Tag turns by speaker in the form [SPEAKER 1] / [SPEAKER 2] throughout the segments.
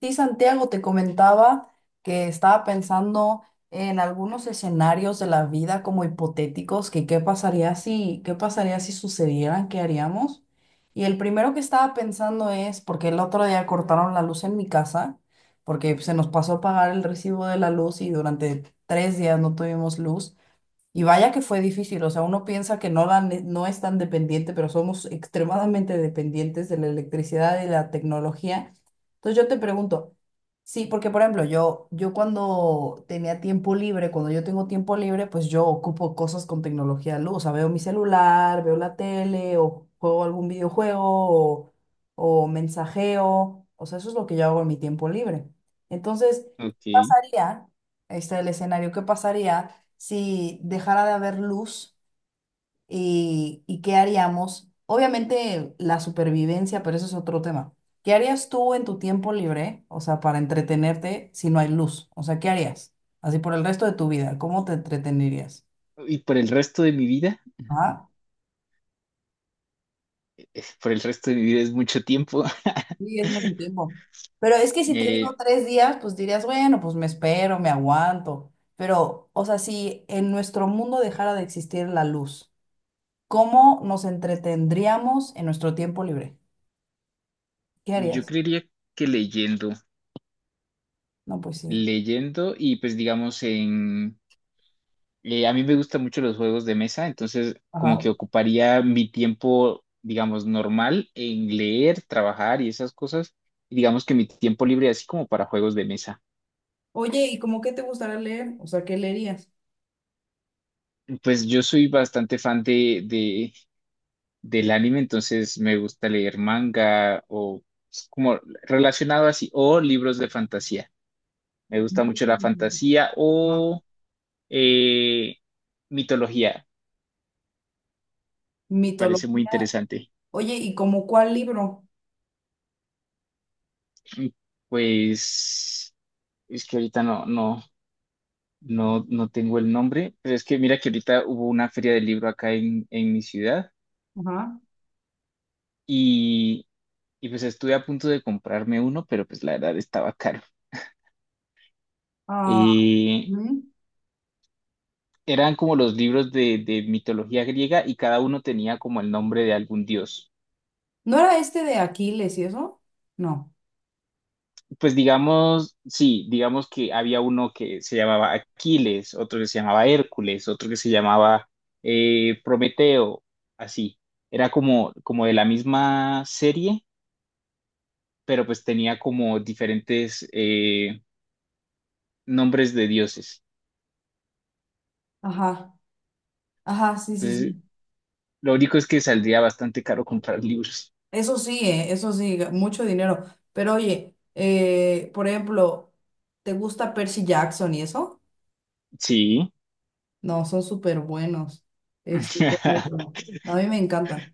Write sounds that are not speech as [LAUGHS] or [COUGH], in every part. [SPEAKER 1] Sí, Santiago, te comentaba que estaba pensando en algunos escenarios de la vida como hipotéticos, que qué pasaría si sucedieran, qué haríamos. Y el primero que estaba pensando es, porque el otro día cortaron la luz en mi casa, porque se nos pasó a pagar el recibo de la luz y durante 3 días no tuvimos luz. Y vaya que fue difícil, o sea, uno piensa que no, no es tan dependiente, pero somos extremadamente dependientes de la electricidad y la tecnología. Entonces yo te pregunto, sí, porque por ejemplo, yo, cuando yo tengo tiempo libre, pues yo ocupo cosas con tecnología de luz, o sea, veo mi celular, veo la tele, o juego algún videojuego, o mensajeo, o sea, eso es lo que yo hago en mi tiempo libre. Entonces, ¿qué
[SPEAKER 2] Ok.
[SPEAKER 1] pasaría? El escenario. ¿Qué pasaría si dejara de haber luz y qué haríamos? Obviamente la supervivencia, pero eso es otro tema. ¿Qué harías tú en tu tiempo libre, o sea, para entretenerte si no hay luz? O sea, ¿qué harías? Así por el resto de tu vida, ¿cómo te entretenerías?
[SPEAKER 2] Y por el resto de mi vida,
[SPEAKER 1] Ah,
[SPEAKER 2] por el resto de mi vida es mucho tiempo.
[SPEAKER 1] sí, es mucho
[SPEAKER 2] [LAUGHS]
[SPEAKER 1] tiempo. Pero es que si te digo
[SPEAKER 2] Eh,
[SPEAKER 1] 3 días, pues dirías, bueno, pues me espero, me aguanto. Pero, o sea, si en nuestro mundo dejara de existir la luz, ¿cómo nos entretendríamos en nuestro tiempo libre? ¿Qué
[SPEAKER 2] yo
[SPEAKER 1] harías?
[SPEAKER 2] creería que leyendo,
[SPEAKER 1] No, pues sí.
[SPEAKER 2] leyendo y pues digamos a mí me gustan mucho los juegos de mesa, entonces como
[SPEAKER 1] Ajá.
[SPEAKER 2] que ocuparía mi tiempo, digamos, normal en leer, trabajar y esas cosas, y digamos que mi tiempo libre así como para juegos de mesa.
[SPEAKER 1] Oye, ¿y cómo qué te gustaría leer? O sea, ¿qué leerías?
[SPEAKER 2] Pues yo soy bastante del anime, entonces me gusta leer manga o como relacionado así, o libros de fantasía. Me gusta mucho la fantasía
[SPEAKER 1] Ajá.
[SPEAKER 2] o eh, mitología, parece muy
[SPEAKER 1] Mitología.
[SPEAKER 2] interesante.
[SPEAKER 1] Oye, ¿y como cuál libro?
[SPEAKER 2] Pues es que ahorita no tengo el nombre, pero es que mira que ahorita hubo una feria del libro acá en mi ciudad
[SPEAKER 1] Ajá.
[SPEAKER 2] y, y pues estuve a punto de comprarme uno, pero pues la verdad estaba caro.
[SPEAKER 1] Ah,
[SPEAKER 2] Eh,
[SPEAKER 1] ujú.
[SPEAKER 2] Eran como los libros de mitología griega y cada uno tenía como el nombre de algún dios.
[SPEAKER 1] ¿No era este de Aquiles y eso? No.
[SPEAKER 2] Pues digamos, sí, digamos que había uno que se llamaba Aquiles, otro que se llamaba Hércules, otro que se llamaba Prometeo, así. Era como, como de la misma serie, pero pues tenía como diferentes nombres de dioses.
[SPEAKER 1] Ajá. Ajá, sí, sí,
[SPEAKER 2] Entonces,
[SPEAKER 1] sí.
[SPEAKER 2] lo único es que saldría bastante caro comprar libros.
[SPEAKER 1] Eso sí, mucho dinero. Pero oye, por ejemplo, ¿te gusta Percy Jackson y eso?
[SPEAKER 2] Sí.
[SPEAKER 1] No, son súper buenos. ¿Cuál
[SPEAKER 2] [LAUGHS]
[SPEAKER 1] otro? A mí me encantan.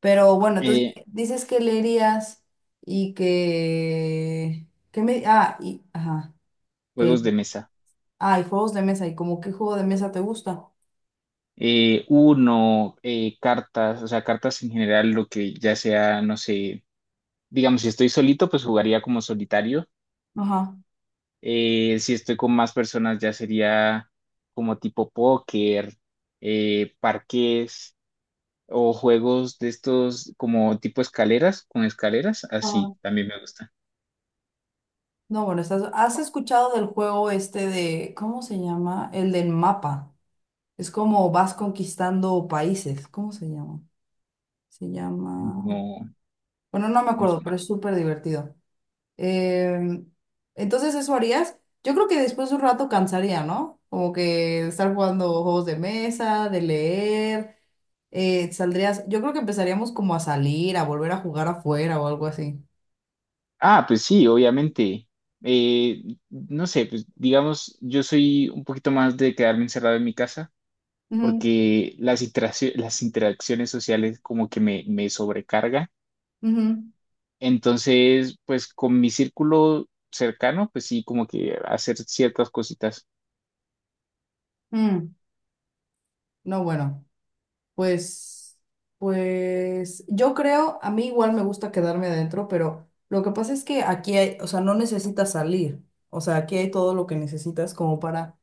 [SPEAKER 1] Pero bueno, entonces
[SPEAKER 2] Eh,
[SPEAKER 1] dices que leerías y ajá, que,
[SPEAKER 2] Juegos de mesa.
[SPEAKER 1] y juegos de mesa, y como qué juego de mesa te gusta.
[SPEAKER 2] Eh, cartas, o sea, cartas en general, lo que ya sea, no sé, digamos, si estoy solito, pues jugaría como solitario.
[SPEAKER 1] Ajá.
[SPEAKER 2] Si estoy con más personas, ya sería como tipo póker, parqués o juegos de estos como tipo escaleras, con escaleras, así
[SPEAKER 1] Ajá.
[SPEAKER 2] también me gusta.
[SPEAKER 1] No, bueno, ¿Has escuchado del juego este de, cómo se llama? El del mapa. Es como vas conquistando países. ¿Cómo se llama? Se llama,
[SPEAKER 2] No,
[SPEAKER 1] bueno, no me
[SPEAKER 2] no
[SPEAKER 1] acuerdo,
[SPEAKER 2] soy-
[SPEAKER 1] pero es súper divertido. Em, entonces, ¿eso harías? Yo creo que después de un rato cansaría, ¿no? Como que estar jugando juegos de mesa, de leer, yo creo que empezaríamos como a salir, a volver a jugar afuera o algo así.
[SPEAKER 2] Ah, pues sí, obviamente. Eh, no sé, pues digamos, yo soy un poquito más de quedarme encerrado en mi casa.
[SPEAKER 1] Ujú,
[SPEAKER 2] Porque las interacciones sociales como que me sobrecarga.
[SPEAKER 1] ujú,
[SPEAKER 2] Entonces, pues con mi círculo cercano, pues sí, como que hacer ciertas cositas.
[SPEAKER 1] mm. No, bueno, pues, pues yo creo, a mí igual me gusta quedarme adentro, pero lo que pasa es que aquí hay, o sea, no necesitas salir, o sea, aquí hay todo lo que necesitas como para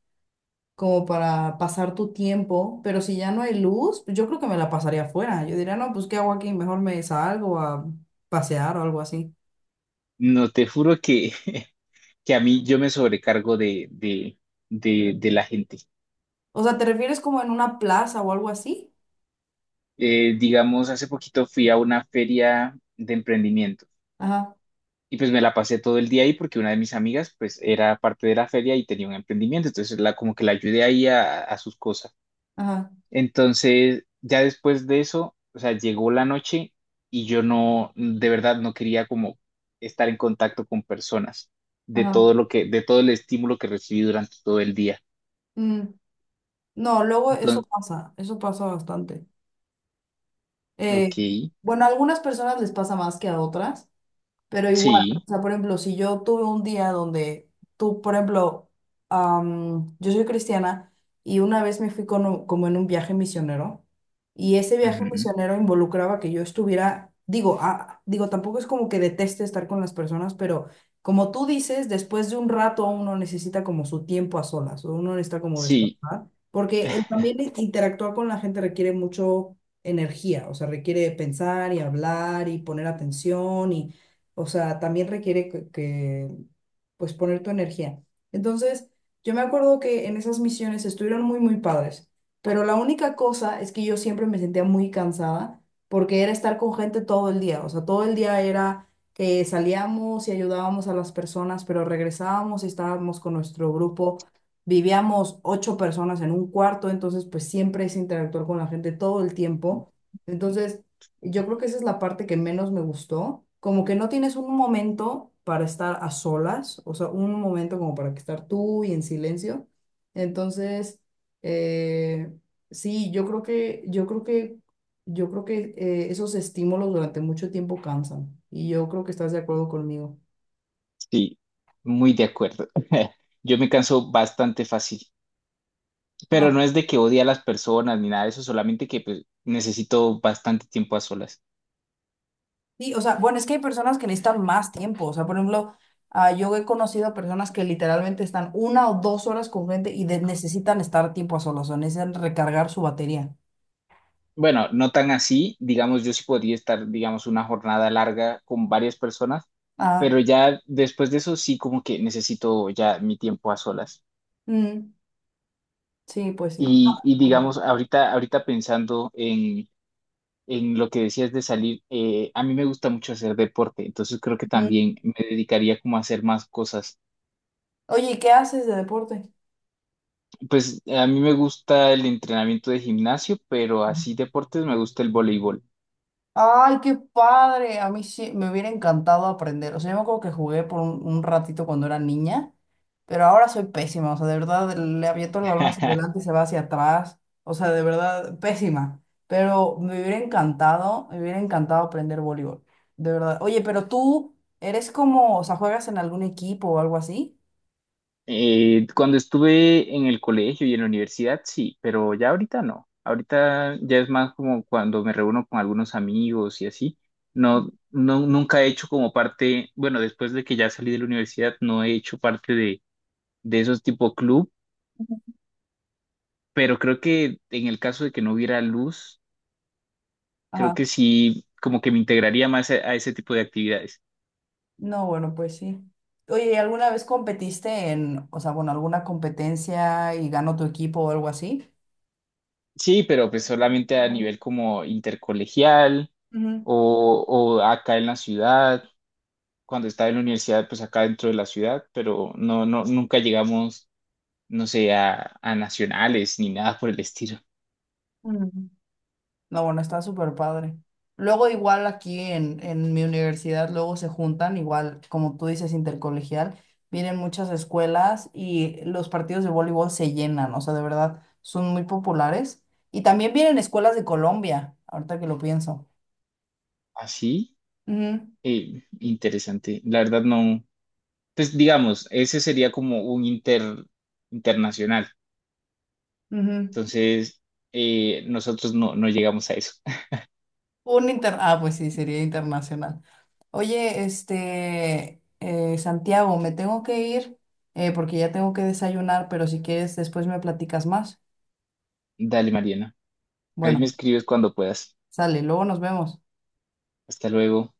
[SPEAKER 1] como para pasar tu tiempo, pero si ya no hay luz, pues yo creo que me la pasaría afuera. Yo diría, no, pues ¿qué hago aquí? Mejor me salgo a pasear o algo así.
[SPEAKER 2] No, te juro que, [LAUGHS] que a mí yo me sobrecargo de la gente.
[SPEAKER 1] O sea, ¿te refieres como en una plaza o algo así?
[SPEAKER 2] Digamos, hace poquito fui a una feria de emprendimiento.
[SPEAKER 1] Ajá,
[SPEAKER 2] Y pues me la pasé todo el día ahí porque una de mis amigas pues era parte de la feria y tenía un emprendimiento, entonces la como que la ayudé ahí a sus cosas.
[SPEAKER 1] ajá,
[SPEAKER 2] Entonces, ya después de eso, o sea, llegó la noche y yo no, de verdad no quería como estar en contacto con personas de todo
[SPEAKER 1] ajá.
[SPEAKER 2] de todo el estímulo que recibí durante todo el día.
[SPEAKER 1] Mm. No, luego eso
[SPEAKER 2] Entonces,
[SPEAKER 1] pasa, eso pasa bastante. Eh,
[SPEAKER 2] ok,
[SPEAKER 1] bueno, a algunas personas les pasa más que a otras. Pero igual, o
[SPEAKER 2] sí,
[SPEAKER 1] sea, por ejemplo, si yo tuve un día donde tú, por ejemplo, yo soy cristiana y una vez me fui con como en un viaje misionero y ese viaje
[SPEAKER 2] ujú,
[SPEAKER 1] misionero involucraba que yo estuviera, digo, tampoco es como que deteste estar con las personas, pero como tú dices, después de un rato uno necesita como su tiempo a solas, o uno necesita como
[SPEAKER 2] sí,
[SPEAKER 1] descansar, porque el también interactuar con la gente requiere mucho energía, o sea, requiere pensar y hablar y poner atención y, o sea, también requiere pues poner tu energía. Entonces, yo me acuerdo que en esas misiones estuvieron muy, muy padres, pero la única cosa es que yo siempre me sentía muy cansada porque era estar con gente todo el día. O sea, todo el día era que salíamos y ayudábamos a las personas, pero regresábamos y estábamos con nuestro grupo. Vivíamos ocho personas en un cuarto, entonces pues siempre es interactuar con la gente todo el tiempo.
[SPEAKER 2] [LAUGHS]
[SPEAKER 1] Entonces, yo creo que esa es la parte que menos me gustó, como que no tienes un momento para estar a solas, o sea, un momento como para que estar tú y en silencio. Entonces, eh, sí, yo creo que esos estímulos durante mucho tiempo cansan y yo creo que estás de acuerdo conmigo.
[SPEAKER 2] sí, muy de acuerdo. [LAUGHS] Yo me canso bastante fácil, pero
[SPEAKER 1] No.
[SPEAKER 2] no es de que odie a las personas ni nada de eso, solamente que pues, necesito bastante tiempo a solas.
[SPEAKER 1] Sí, o sea, bueno, es que hay personas que necesitan más tiempo. O sea, por ejemplo, yo he conocido a personas que literalmente están 1 o 2 horas con gente y necesitan estar tiempo a solas, o necesitan recargar su batería.
[SPEAKER 2] Bueno, no tan así, digamos, yo sí podría estar, digamos, una jornada larga con varias personas,
[SPEAKER 1] Ah,
[SPEAKER 2] pero ya después de eso sí como que necesito ya mi tiempo a solas.
[SPEAKER 1] mm, sí, pues sí. No,
[SPEAKER 2] Y
[SPEAKER 1] ajá.
[SPEAKER 2] digamos, ahorita pensando en lo que decías de salir, a mí me gusta mucho hacer deporte, entonces creo que
[SPEAKER 1] Mm.
[SPEAKER 2] también me dedicaría como a hacer más cosas.
[SPEAKER 1] Oye, ¿y qué haces de deporte?
[SPEAKER 2] Pues a mí me gusta el entrenamiento de gimnasio, pero así deportes me gusta el voleibol.
[SPEAKER 1] Ay, qué padre. A mí sí me hubiera encantado aprender. O sea, yo me acuerdo que jugué por un ratito cuando era niña, pero ahora soy pésima. O sea, de verdad le aviento el balón hacia
[SPEAKER 2] [LAUGHS]
[SPEAKER 1] adelante y se va hacia atrás. O sea, de verdad pésima. Pero me hubiera encantado aprender voleibol. De verdad. Oye, pero tú eres como, o sea, juegas en algún equipo o algo así.
[SPEAKER 2] Cuando estuve en el colegio y en la universidad, sí, pero ya ahorita no. Ahorita ya es más como cuando me reúno con algunos amigos y así. No, nunca he hecho como parte, bueno, después de que ya salí de la universidad, no he hecho parte de esos tipo club, pero creo que en el caso de que no hubiera luz, creo que
[SPEAKER 1] Ajá.
[SPEAKER 2] sí, como que me integraría más a ese tipo de actividades.
[SPEAKER 1] No, bueno, pues sí. Oye, ¿y alguna vez competiste en, o sea, bueno, alguna competencia y ganó tu equipo o algo así?
[SPEAKER 2] Sí, pero pues solamente a nivel como intercolegial o acá en la ciudad cuando estaba en la universidad, pues acá dentro de la ciudad, pero no, no, nunca llegamos, no sé, a nacionales ni nada por el estilo.
[SPEAKER 1] Mm. No, bueno, está súper padre. Luego igual aquí en mi universidad, luego se juntan, igual como tú dices, intercolegial, vienen muchas escuelas y los partidos de voleibol se llenan, o sea, de verdad, son muy populares. Y también vienen escuelas de Colombia, ahorita que lo pienso.
[SPEAKER 2] Así, interesante. La verdad no, pues digamos, ese sería como un internacional.
[SPEAKER 1] Ujú, ujú.
[SPEAKER 2] Entonces, nosotros no, no llegamos a eso. [LAUGHS]
[SPEAKER 1] Ah, pues sí, sería internacional. Oye, Santiago, me tengo que ir porque ya tengo que desayunar, pero si quieres después me platicas más.
[SPEAKER 2] Dale, Mariana. Ahí me
[SPEAKER 1] Bueno.
[SPEAKER 2] escribes cuando puedas.
[SPEAKER 1] Sale, luego nos vemos.
[SPEAKER 2] Hasta luego.